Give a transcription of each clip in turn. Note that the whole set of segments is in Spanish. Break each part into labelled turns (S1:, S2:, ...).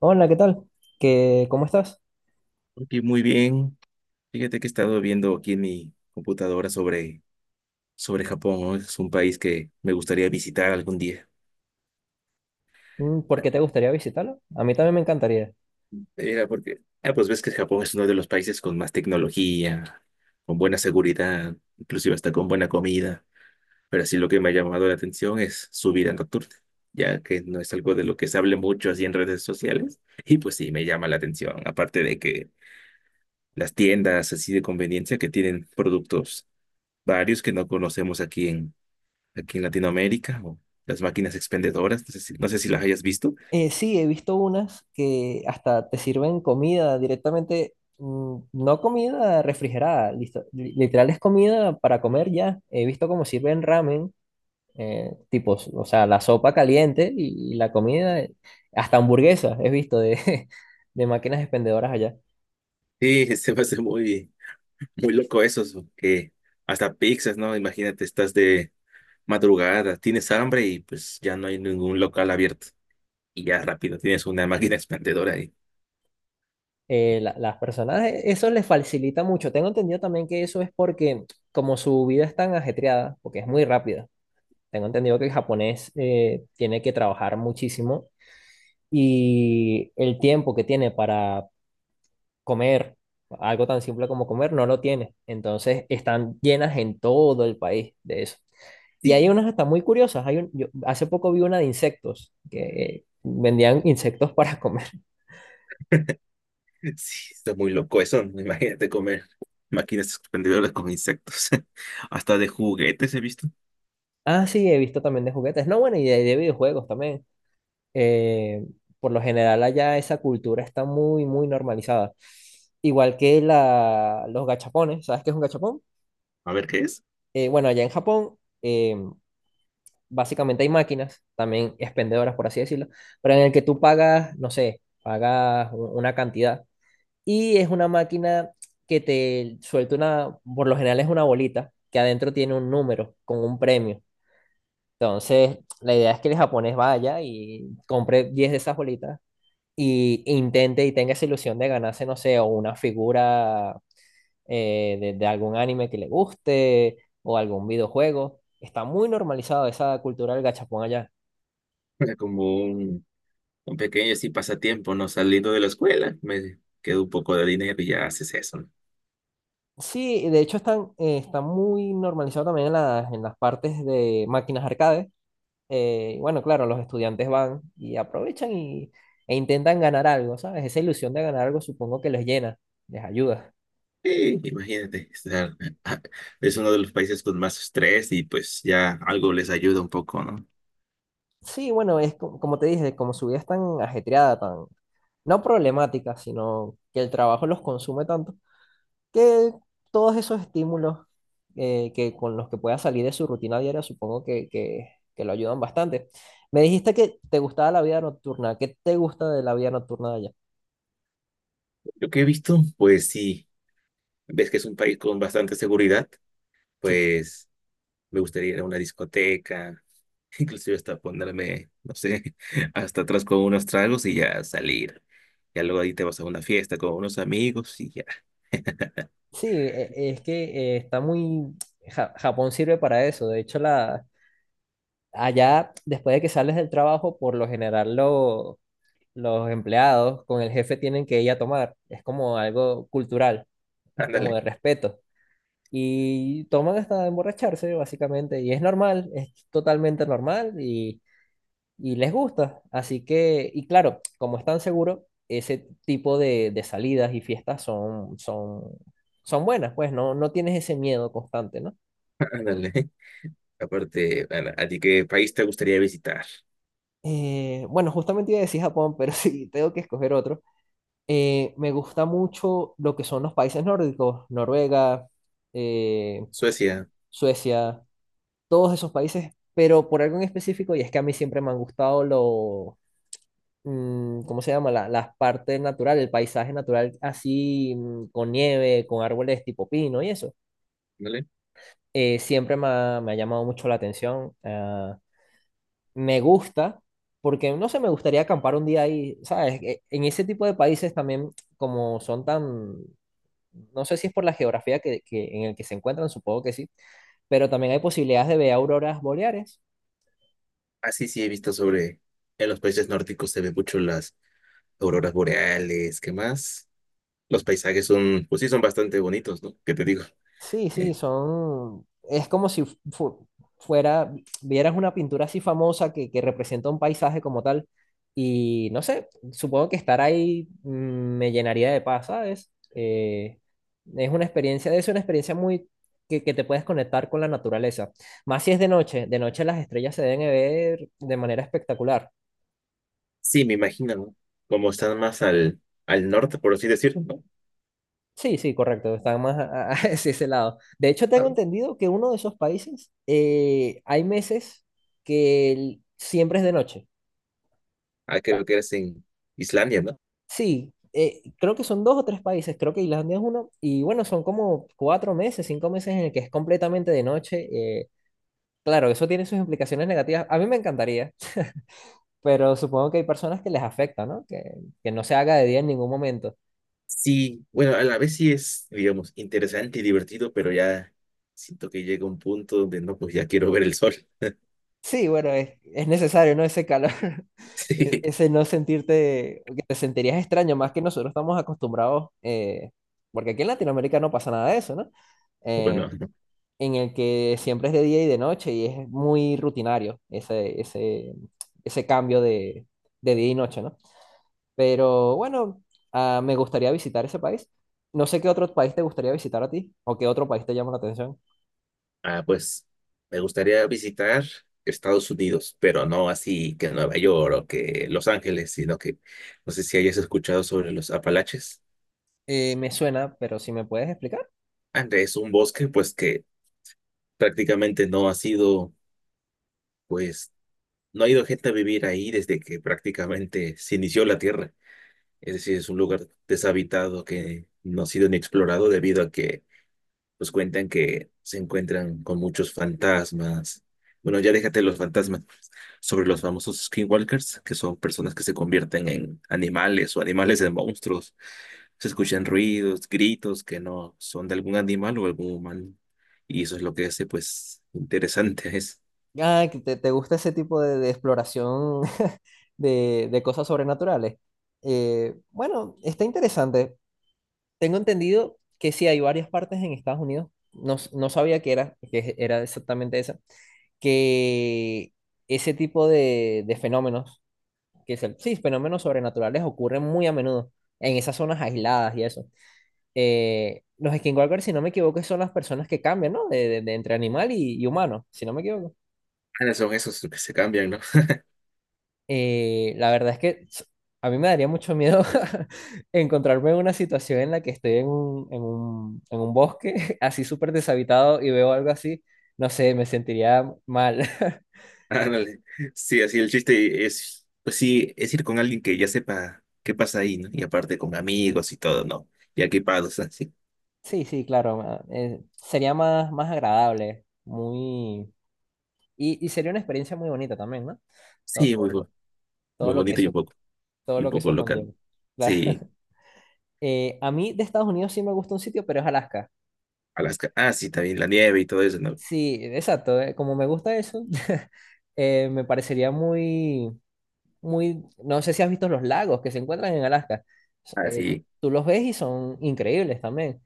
S1: Hola, ¿qué tal? ¿Qué, cómo estás?
S2: Aquí muy bien. Fíjate que he estado viendo aquí en mi computadora sobre Japón, ¿no? Es un país que me gustaría visitar algún día.
S1: Mm, ¿por qué te gustaría visitarlo? A mí también me encantaría.
S2: Mira, porque, pues ves que Japón es uno de los países con más tecnología, con buena seguridad, inclusive hasta con buena comida. Pero así lo que me ha llamado la atención es su vida nocturna, ya que no es algo de lo que se hable mucho así en redes sociales. Y pues sí, me llama la atención, aparte de que las tiendas así de conveniencia que tienen productos varios que no conocemos aquí en Latinoamérica, o las máquinas expendedoras, no sé si las hayas visto.
S1: Sí, he visto unas que hasta te sirven comida directamente, no comida refrigerada, listo. Literal es comida para comer ya. He visto cómo sirven ramen, tipos, o sea, la sopa caliente y la comida, hasta hamburguesas, he visto de, de máquinas expendedoras allá.
S2: Sí, se me hace muy loco eso, so, que hasta pizzas, ¿no? Imagínate, estás de madrugada, tienes hambre y pues ya no hay ningún local abierto y ya rápido tienes una máquina expendedora ahí.
S1: Las personas, eso les facilita mucho. Tengo entendido también que eso es porque, como su vida es tan ajetreada, porque es muy rápida, tengo entendido que el japonés tiene que trabajar muchísimo y el tiempo que tiene para comer, algo tan simple como comer, no lo tiene. Entonces, están llenas en todo el país de eso. Y hay
S2: Sí,
S1: unas hasta muy curiosas. Yo hace poco vi una de insectos, que vendían insectos para comer.
S2: sí, está muy loco eso, ¿no? Imagínate comer máquinas expendedoras con insectos, hasta de juguetes he visto.
S1: Ah, sí, he visto también de juguetes. No, bueno, y de videojuegos también. eh, por lo general allá esa cultura está muy, muy normalizada. Igual que los gachapones, ¿sabes qué es un gachapón?
S2: A ver qué es.
S1: Bueno, allá en Japón eh, básicamente hay máquinas, también expendedoras por así decirlo, pero en el que tú pagas, no sé, pagas una cantidad y es una máquina que te suelta una, por lo general es una bolita que adentro tiene un número con un premio. Entonces, la idea es que el japonés vaya y compre 10 de esas bolitas e intente y tenga esa ilusión de ganarse, no sé, o una figura de algún anime que le guste o algún videojuego. Está muy normalizado esa cultura del gachapón allá.
S2: Era como un con pequeños sí pasatiempo, ¿no? Saliendo de la escuela, me quedo un poco de dinero y ya haces eso, ¿no?
S1: Sí, de hecho están, está muy normalizado también en las partes de máquinas arcade. Y bueno, claro, los estudiantes van y aprovechan e intentan ganar algo, ¿sabes? Esa ilusión de ganar algo supongo que les llena, les ayuda.
S2: Sí, imagínate, estar, es uno de los países con más estrés y pues ya algo les ayuda un poco, ¿no?
S1: Sí, bueno, es como te dije, como su vida es tan ajetreada, tan, no problemática, sino que el trabajo los consume tanto, que todos esos estímulos que con los que pueda salir de su rutina diaria, supongo que lo ayudan bastante. Me dijiste que te gustaba la vida nocturna. ¿Qué te gusta de la vida nocturna de allá?
S2: Lo que he visto, pues sí, ves que es un país con bastante seguridad,
S1: Sí,
S2: pues me gustaría ir a una discoteca, inclusive hasta ponerme, no sé, hasta atrás con unos tragos y ya salir. Ya luego ahí te vas a una fiesta con unos amigos y ya.
S1: sí, es que está muy. Japón sirve para eso. De hecho, allá, después de que sales del trabajo, por lo general los empleados con el jefe tienen que ir a tomar. Es como algo cultural, como
S2: Ándale,
S1: de respeto. Y toman hasta emborracharse, básicamente, y es normal, es totalmente normal y les gusta. Así que, y claro, como están seguros, ese tipo de salidas y fiestas son buenas, pues no, no tienes ese miedo constante, ¿no?
S2: ándale. Aparte, Ana, ¿a ti qué país te gustaría visitar?
S1: Bueno, justamente iba a decir Japón, pero sí, tengo que escoger otro. Me gusta mucho lo que son los países nórdicos, Noruega, eh,
S2: Suecia,
S1: Suecia, todos esos países, pero por algo en específico, y es que a mí siempre me han gustado ¿cómo se llama? Las partes naturales, el paisaje natural así, con nieve, con árboles tipo pino y eso.
S2: ¿vale?
S1: Siempre me ha llamado mucho la atención. Me gusta, porque no sé, me gustaría acampar un día ahí, ¿sabes? En ese tipo de países también, como son tan, no sé si es por la geografía en el que se encuentran, supongo que sí, pero también hay posibilidades de ver auroras boreales.
S2: Así sí he visto sobre, en los países nórdicos se ven mucho las auroras boreales, ¿qué más? Los paisajes son, pues sí, son bastante bonitos, ¿no? ¿Qué te digo?
S1: Sí, sí,
S2: Eh,
S1: son. Es como si fu- fuera, vieras una pintura así famosa que representa un paisaje como tal. Y no sé, supongo que estar ahí me llenaría de paz, ¿sabes? Es una experiencia muy. Que te puedes conectar con la naturaleza. Más si es de noche. De noche las estrellas se deben ver de manera espectacular.
S2: sí, me imagino, ¿no? Como están más al norte, por así decirlo, ¿no?
S1: Sí, sí, correcto, está más hacia ese lado. De hecho, tengo
S2: Ah,
S1: entendido que uno de esos países hay meses que siempre es de noche. Sea.
S2: creo que eres en Islandia, ¿no?
S1: Sí, creo que son dos o tres países, creo que Islandia es uno, y bueno, son como 4 meses, 5 meses en el que es completamente de noche. Claro, eso tiene sus implicaciones negativas. A mí me encantaría, pero supongo que hay personas que les afecta, ¿no? Que no se haga de día en ningún momento.
S2: Sí, bueno, a la vez sí es, digamos, interesante y divertido, pero ya siento que llega un punto donde no, pues ya quiero ver el sol.
S1: Sí, bueno, es necesario, ¿no? Ese calor, ese no sentirte, que te sentirías extraño, más que nosotros estamos acostumbrados, porque aquí en Latinoamérica no pasa nada de eso, ¿no?
S2: Sí,
S1: Eh,
S2: bueno.
S1: en el que siempre es de día y de noche y es muy rutinario ese cambio de día y noche, ¿no? Pero bueno, me gustaría visitar ese país. No sé qué otro país te gustaría visitar a ti o qué otro país te llama la atención.
S2: Pues me gustaría visitar Estados Unidos, pero no así que Nueva York o que Los Ángeles, sino que no sé si hayas escuchado sobre los Apalaches.
S1: Me suena, pero si me puedes explicar.
S2: Ande, es un bosque pues que prácticamente no ha sido, pues no ha ido gente a vivir ahí desde que prácticamente se inició la tierra. Es decir, es un lugar deshabitado que no ha sido ni explorado debido a que pues cuentan que se encuentran con muchos fantasmas. Bueno, ya déjate los fantasmas. Sobre los famosos skinwalkers, que son personas que se convierten en animales o animales en monstruos. Se escuchan ruidos, gritos que no son de algún animal o algún humano. Y eso es lo que hace, pues, interesante. Es,
S1: Que te gusta ese tipo de exploración de cosas sobrenaturales. Bueno, está interesante. Tengo entendido que sí hay varias partes en Estados Unidos. No, no sabía que era exactamente esa. Que ese tipo de fenómenos, que es sí, fenómenos sobrenaturales ocurren muy a menudo en esas zonas aisladas y eso. Los skinwalkers, si no me equivoco, son las personas que cambian, ¿no? De entre animal y humano, si no me equivoco.
S2: ah, son esos que se cambian, ¿no?
S1: La verdad es que a mí me daría mucho miedo encontrarme en una situación en la que estoy en un bosque así súper deshabitado y veo algo así. No sé, me sentiría mal.
S2: Ándale. Sí, así el chiste es, pues sí, es ir con alguien que ya sepa qué pasa ahí, ¿no? Y aparte con amigos y todo, ¿no? Y equipados, así.
S1: Sí, sí, claro. Sería más, más agradable, muy. Y sería una experiencia muy bonita también, ¿no? Todo,
S2: Sí,
S1: todo lo, todo
S2: muy
S1: lo que
S2: bonito y
S1: eso, Todo
S2: y un
S1: lo que
S2: poco
S1: eso
S2: loca, ¿no?
S1: conlleva. Claro.
S2: Sí,
S1: A mí de Estados Unidos sí me gusta un sitio, pero es Alaska.
S2: Alaska. Ah, sí, también la nieve y todo eso, ¿no?
S1: Sí, exacto. Como me gusta eso, me parecería muy, muy, no sé si has visto los lagos que se encuentran en Alaska. S-
S2: Ah,
S1: eh,
S2: sí,
S1: Tú los ves y son increíbles también.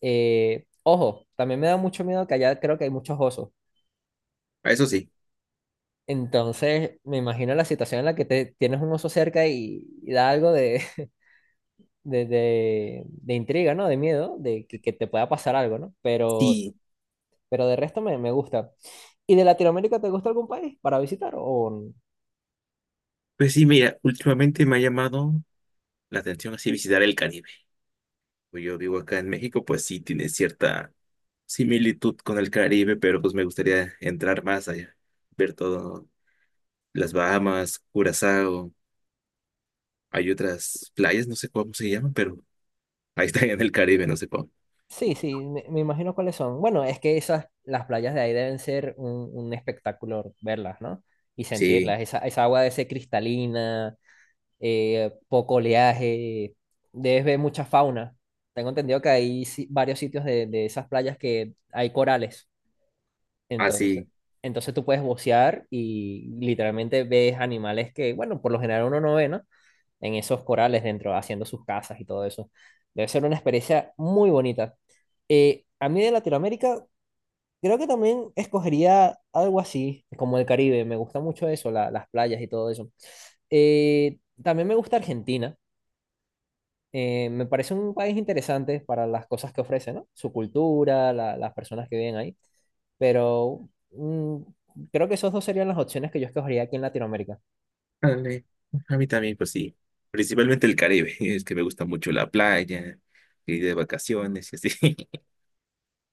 S1: Ojo, también me da mucho miedo que allá creo que hay muchos osos.
S2: a eso sí.
S1: Entonces, me imagino la situación en la que tienes un oso cerca y da algo de intriga, ¿no? De miedo, de que te pueda pasar algo, ¿no? Pero,
S2: Sí,
S1: pero de resto me gusta. ¿Y de Latinoamérica te gusta algún país para visitar o?
S2: pues sí, mira, últimamente me ha llamado la atención así visitar el Caribe. Pues yo vivo acá en México, pues sí, tiene cierta similitud con el Caribe, pero pues me gustaría entrar más allá, ver todo, las Bahamas, Curazao, hay otras playas, no sé cómo se llaman, pero ahí están en el Caribe, no sé cómo.
S1: Sí, sí, me imagino cuáles son. Bueno, es que las playas de ahí deben ser un espectáculo verlas, ¿no? Y
S2: Sí,
S1: sentirlas. Esa agua debe ser cristalina, poco oleaje, debes ver mucha fauna. Tengo entendido que hay varios sitios de esas playas que hay corales. Entonces,
S2: así.
S1: entonces, tú puedes bucear y literalmente ves animales que, bueno, por lo general uno no ve, ¿no? En esos corales dentro, haciendo sus casas y todo eso. Debe ser una experiencia muy bonita. A mí de Latinoamérica, creo que también escogería algo así, como el Caribe. Me gusta mucho eso, las playas y todo eso. También me gusta Argentina. Me parece un país interesante para las cosas que ofrece, ¿no? Su cultura, las personas que viven ahí. Pero creo que esos dos serían las opciones que yo escogería aquí en Latinoamérica.
S2: Ándale. A mí también, pues sí. Principalmente el Caribe. Es que me gusta mucho la playa, ir de vacaciones y así.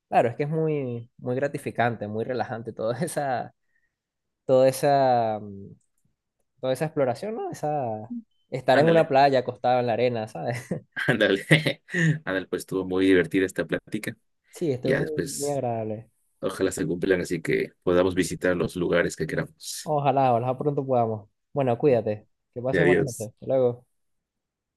S1: Claro, es que es muy, muy gratificante, muy relajante toda esa toda esa, mm, toda esa exploración, ¿no? Estar en una
S2: Ándale,
S1: playa acostado en la arena, ¿sabes?
S2: ándale. Ándale, pues estuvo muy divertida esta plática.
S1: Sí, estuvo
S2: Ya
S1: muy, muy
S2: después,
S1: agradable.
S2: ojalá se cumplan, así que podamos visitar los lugares que queramos.
S1: Ojalá, ojalá pronto podamos. Bueno, cuídate. Que pases buenas noches.
S2: Adiós.
S1: Hasta luego.